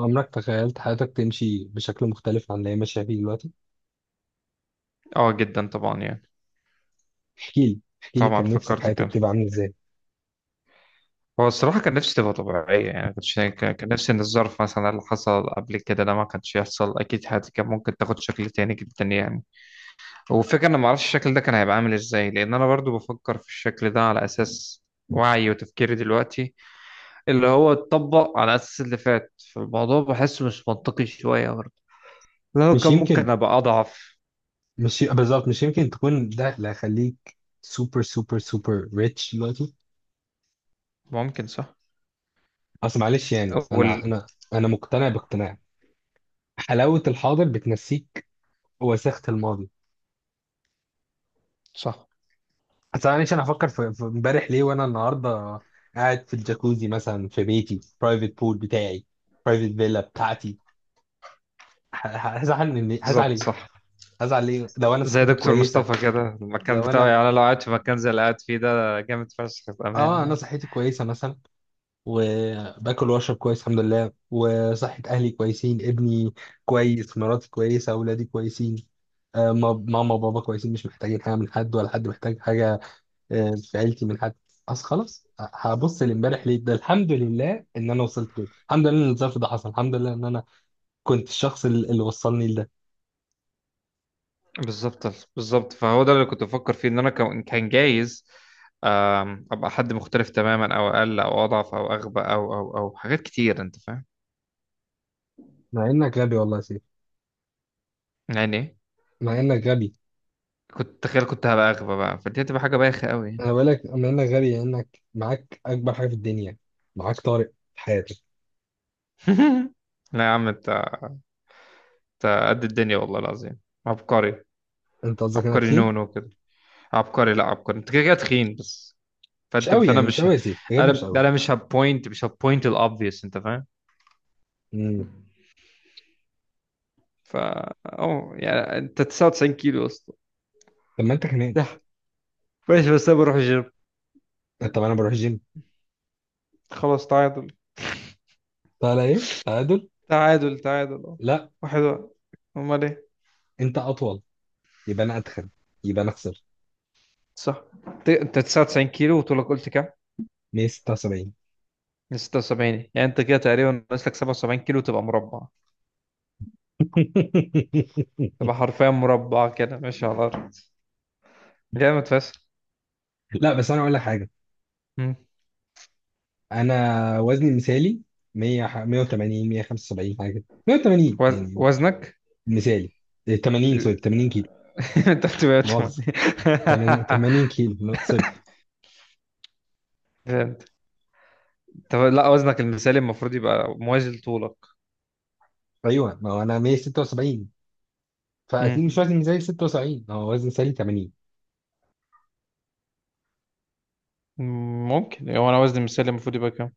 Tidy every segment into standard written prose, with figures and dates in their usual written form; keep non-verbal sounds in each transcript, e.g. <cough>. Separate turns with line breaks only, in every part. عمرك تخيلت حياتك تمشي بشكل مختلف عن اللي هي ماشية فيه دلوقتي؟
اه جدا طبعا يعني.
احكي لي،
طبعا
كان نفسك
فكرت
حياتك
كده.
تبقى عاملة ازاي؟
هو الصراحة كان نفسي تبقى طبيعية، يعني ما كنتش كان نفسي ان الظرف مثلا اللي حصل قبل كده ده ما كانش يحصل، اكيد حياتي كان ممكن تاخد شكل تاني جدا يعني. والفكرة انا ما اعرفش الشكل ده كان هيبقى عامل ازاي، لان انا برضو بفكر في الشكل ده على اساس وعي وتفكيري دلوقتي، اللي هو اتطبق على اساس اللي فات، فالموضوع بحسه مش منطقي شوية برضو، لو
مش
كان ممكن
يمكن.
ابقى اضعف.
مش ي- بالظبط، مش يمكن تكون ده اللي هيخليك سوبر سوبر سوبر ريتش دلوقتي.
ممكن، صح.
اصل معلش يعني
اول.
انا مقتنع باقتناع. حلاوة الحاضر بتنسيك وساخة الماضي.
صح.
اصل معلش، انا هفكر في امبارح ليه وانا النهارده قاعد في الجاكوزي مثلا في بيتي، برايفت بول بتاعي، برايفت فيلا بتاعتي. هزعل من هزعل
بالظبط،
ايه؟
صح.
هزعل ليه لو انا
زي
صحتي
دكتور
كويسة؟
مصطفى كده المكان
لو
بتاعه،
انا،
يعني أنا لو قاعد في مكان زي اللي قاعد فيه ده جامد فشخ
اه
بأمانة
انا
يعني.
صحتي كويسه مثلا، وباكل واشرب كويس الحمد لله، وصحه اهلي كويسين، ابني كويس، مراتي كويسه، اولادي كويسين، ماما وبابا كويسين، مش محتاجين حاجه من حد ولا حد محتاج حاجه في عيلتي من حد. اصل خلاص، هبص لامبارح ليه؟ ده الحمد لله ان انا وصلت كده، الحمد لله ان الظرف ده حصل، الحمد لله ان انا كنت الشخص اللي وصلني لده.
بالظبط. بالظبط، فهو ده اللي كنت بفكر فيه، إن أنا كان جايز، أبقى حد مختلف تماما أو أقل أو أضعف أو أغبى أو حاجات كتير، أنت فاهم
مع انك غبي والله يا سيف.
يعني.
مع انك غبي.
كنت تخيل كنت هبقى أغبى بقى، فدي هتبقى حاجة بايخة أوي.
انا بقول لك مع انك غبي لانك معاك اكبر حاجه في الدنيا، معاك طارق في حياتك.
<laughs> لا يا عم أنت، أنت قد الدنيا والله العظيم. عبقري.
انت قصدك انا
عبقري
تخين؟
نونو كده. عبقري. لا، عبقري أنت كده كده تخين بس.
مش
فانت
قوي
فانا
يعني، مش
مش
قوي
ه...
يا سيف، بجد
انا
مش
ده
قوي.
انا مش هبوينت الاوبفيوس، انت فاهم.
امم.
فا اه، يعني انت 99 كيلو اصلا.
طب ما انت كمان.
ده ماشي، بس انا بروح الجيم.
طب انا بروح جيم.
خلاص، تعادل.
طالع ايه تعادل؟
تعادل، تعادل، اه.
لا.
واحد واحد. امال ايه.
انت اطول، يبقى انا اتخن، يبقى انا اخسر.
صح. انت 99 كيلو، وطولك قلت كام؟
176.
من 76. يعني انت كده تقريبا ناقص لك 77 كيلو تبقى مربع.
<laughs>
تبقى حرفيا مربع كده ماشي على الارض. جامد فشخ.
لا بس انا اقول لك حاجه.
مم.
انا وزني المثالي 100، 180، 175 حاجه كده. 180 يعني،
وزنك.
مثالي إيه، 80، سوري 80 كيلو.
<laughs> انت
مؤاخذه،
8. <laughs>
80 80 كيلو، لا، سوري.
فهمت. طب لا، وزنك المثالي المفروض يبقى موازي لطولك.
ايوه، ما هو انا 176،
امم.
فاكيد مش وزني مثالي 76، هو وزني مثالي 80.
ممكن. هو انا وزني مثالي المفروض يبقى كام؟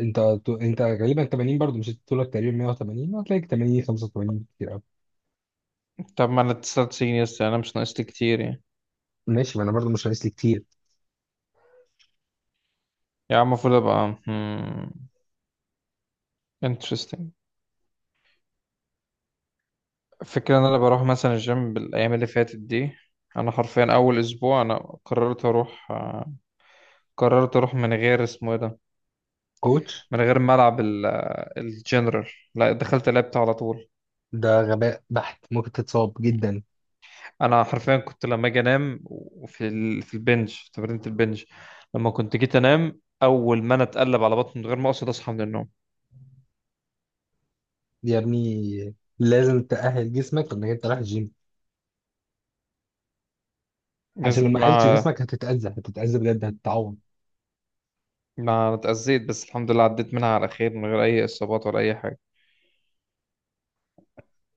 انت انت غالبا 80 برضه، مش طولك تقريبا 180، هتلاقيك 80، 85 كتير قوي.
طب ما انا 99، يس انا مش ناقص لي كتير يعني.
ماشي، ما انا برضه مش عايز لي كتير.
يعني المفروض ابقى. انترستنج. الفكره ان انا بروح مثلا الجيم بالايام اللي فاتت دي. انا حرفيا اول اسبوع انا قررت اروح، قررت اروح من غير اسمه ايه ده،
كوتش.
من غير ملعب الجنرال. لا، دخلت لعبت على طول.
ده غباء بحت، ممكن تتصاب جدا.
انا حرفيا كنت لما اجي انام، وفي في البنج، في تمرينة البنج، لما كنت جيت انام اول ما انا اتقلب على بطني من غير ما اقصد اصحى من النوم.
يا ابني، لازم تأهل جسمك انك انت رايح الجيم، عشان
لازم
لو ما أهلتش
ما.
جسمك هتتأذى، هتتأذى بجد، هتتعور.
ما اتأذيت بس الحمد لله، عديت منها على خير من غير اي اصابات ولا اي حاجة.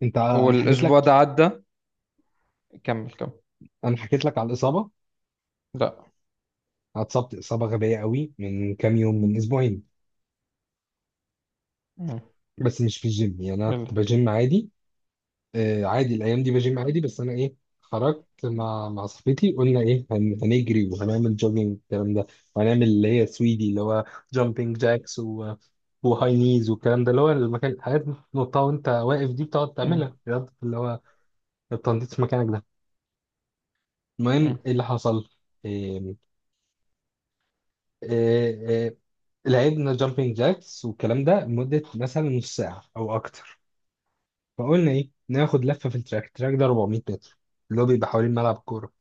انا حكيت لك.
والاسبوع ده عدى. كمل، كمل.
انا حكيت لك على الإصابة.
لا.
أنا اتصبت إصابة غبية قوي من كام يوم، من أسبوعين.
مم.
بس مش في الجيم يعني، انا
يلا.
كنت بجيم عادي، عادي الايام دي بجيم عادي. بس انا ايه، خرجت مع صاحبتي، قلنا ايه، هنجري وهنعمل جوجينج الكلام ده، وهنعمل اللي هي سويدي، اللي هو جامبينج جاكس و... وهاي نيز والكلام ده، اللي هو المكان، الحاجات نطها وانت واقف دي، بتقعد
مم.
تعملها رياضة، اللي هو التنطيط في مكانك ده. المهم،
مم.
ايه اللي حصل؟ إيه إيه إيه لعبنا جامبينج جاكس والكلام ده لمدة مثلا نص ساعة أو أكتر. فقلنا إيه، ناخد لفة في التراك. التراك ده 400 متر، اللي هو بيبقى حوالين ملعب كورة.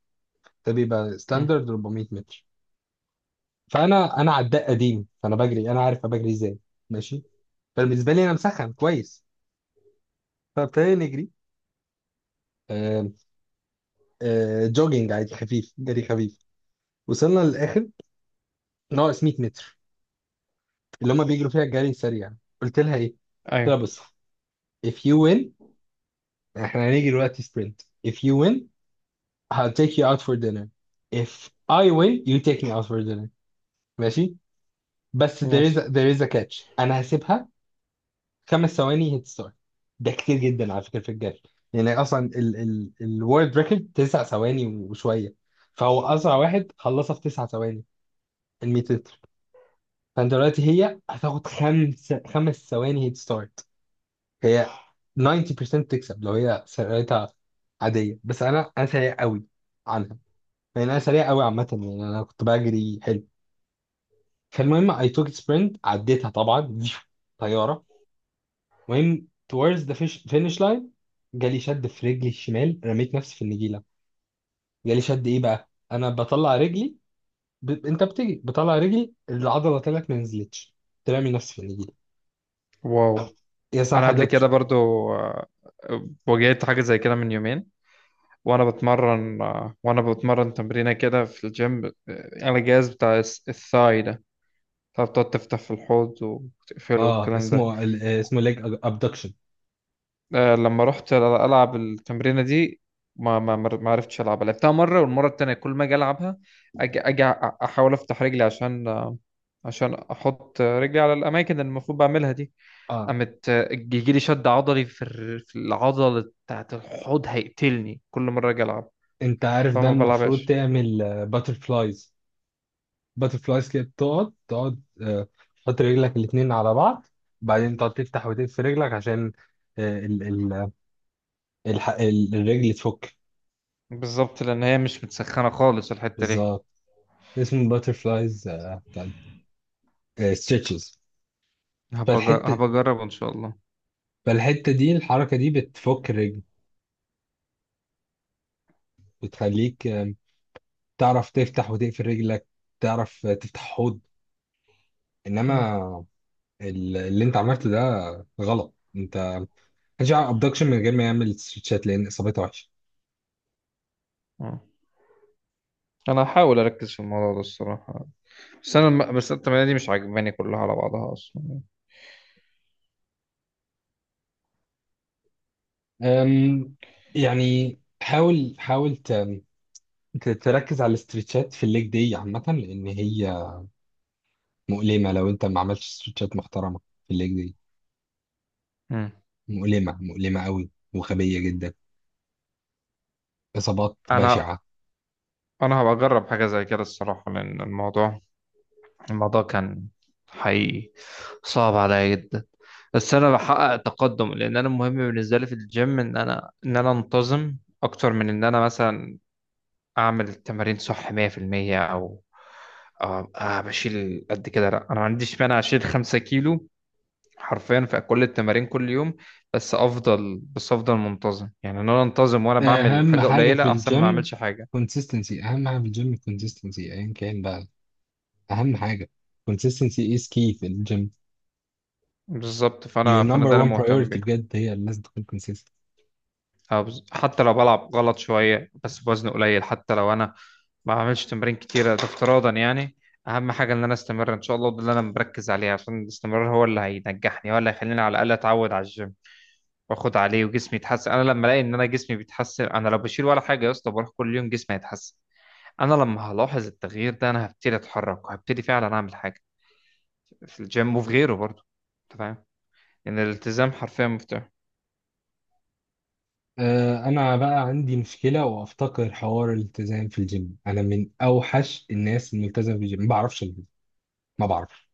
ده بيبقى
مم.
ستاندرد 400 متر. فانا عداء قديم، فانا بجري، انا عارف أنا بجري ازاي، ماشي. فبالنسبه لي انا مسخن كويس. فابتدينا نجري. آه جوجينج عادي خفيف، جري خفيف. وصلنا للاخر، ناقص 100 متر، اللي هم بيجروا فيها الجري السريع. قلت لها ايه؟ قلت
ايوه.
لها بص، if you win، احنا هنيجي دلوقتي سبرنت. if you win I'll take you out for dinner. if I win you take me out for dinner. ماشي. بس there is
ماشي.
a, there is a catch. انا هسيبها 5 ثواني هيت ستارت، ده كتير جدا على فكره في الجري. يعني اصلا ال الورد ريكورد 9 ثواني وشويه، فهو اسرع واحد خلصها في 9 ثواني، ال 100 متر. فانت دلوقتي، هي هتاخد خمس ثواني هيت ستارت. هي 90% تكسب لو هي سرعتها عاديه، بس انا سريع قوي عنها. يعني انا سريع قوي عامه، يعني انا كنت بجري حلو. فالمهم، اي توك سبرنت، عديتها طبعا. <laughs> طياره. المهم، towards the finish line، جالي شد في رجلي الشمال، رميت نفسي في النجيله. جالي شد ايه بقى، انا بطلع رجلي، انت بتيجي بطلع رجلي، العضله طلعت ما نزلتش، ترمي نفسي في النجيله.
واو.
يا صح
انا قبل
حدث.
كده برضو آه، واجهت حاجة زي كده من يومين وانا بتمرن وانا بتمرن تمرينه كده في الجيم، على الجهاز بتاع الثاي ده. فبتقعد تفتح في الحوض وتقفله
اه،
والكلام ده.
اسمه ال... آه، اسمه ليج ابدكشن.
لما رحت العب التمرينه دي ما عرفتش العبها، لعبتها مره والمره التانيه كل ما اجي العبها اجي اجي أ- احاول افتح رجلي عشان، عشان احط رجلي على الاماكن اللي المفروض بعملها دي.
اه،
قامت يجي لي شد عضلي في في العضله بتاعت الحوض هيقتلني كل مره اجي العب،
انت عارف ده
فما
المفروض
بلعبهاش.
تعمل باتر فلايز. باتر فلايز كده، بتقعد تحط رجلك الاتنين على بعض، بعدين تقعد تفتح وتقفل رجلك، عشان آه، ال... ال... الرجل تفك.
بالظبط، لان هي مش متسخنه خالص الحته دي.
بالظبط. اسمه باترفلايز، بتاع ستريتشز. فالحته
هبقى اجرب ان شاء الله.
فالحته دي، الحركه دي بتفك الرجل، بتخليك تعرف تفتح وتقفل رجلك، تعرف تفتح حوض.
مم.
انما اللي انت عملته ده غلط انت، مش ابدكشن من غير ما يعمل ستريتشات، لان اصابتها وحشه.
مم. انا هحاول اركز في الموضوع ده الصراحه، بس بس التمارين دي مش عاجباني كلها على بعضها اصلا.
أم، يعني حاول تركز على الاسترتشات في الليج دي عامه، لان هي مؤلمه لو انت ما عملتش استرتشات محترمه في الليج دي.
مم.
مؤلمة، مؤلمة قوي وغبية جدا. إصابات
انا
بشعة.
انا هبقى اجرب حاجه زي كده الصراحه، لان الموضوع كان حقيقي صعب عليا جدا. بس انا بحقق تقدم، لان انا المهم بالنسبه لي في الجيم ان انا انتظم اكتر من ان انا مثلا اعمل التمارين صح 100%. او بشيل قد كده، لا، انا ما عنديش مانع اشيل 5 كيلو حرفيا في كل التمارين كل يوم، بس افضل منتظم، يعني ان انا انتظم وانا بعمل
أهم
حاجه
حاجة في
قليله احسن ما
الجيم
اعملش حاجه.
كونسيستنسي. أهم حاجة في الجيم الكونسيستنسي، أيا كان بقى. أهم حاجة كونسيستنسي is key في الجيم.
بالظبط
your
فانا
number
ده اللي
one
مهتم
priority
بيه.
بجد، هي لازم تكون consistent.
حتى لو بلعب غلط شويه بس بوزن قليل، حتى لو انا ما بعملش تمارين كتيره، ده افتراضا يعني. اهم حاجه ان انا استمر ان شاء الله، ده اللي انا مركز عليه، عشان الاستمرار هو اللي هينجحني، هو اللي هيخليني على الاقل اتعود على الجيم واخد عليه، وجسمي يتحسن. انا لما الاقي ان انا جسمي بيتحسن، انا لو بشيل ولا حاجه يا اسطى بروح كل يوم جسمي هيتحسن. انا لما هلاحظ التغيير ده انا هبتدي اتحرك، وهبتدي فعلا اعمل حاجه في الجيم وفي غيره برضه. انت فاهم، ان الالتزام حرفيا مفتاح.
أنا بقى عندي مشكلة وأفتقر حوار الالتزام في الجيم. أنا من أوحش الناس الملتزمة في الجيم، ما بعرفش ألتزم. ما بعرفش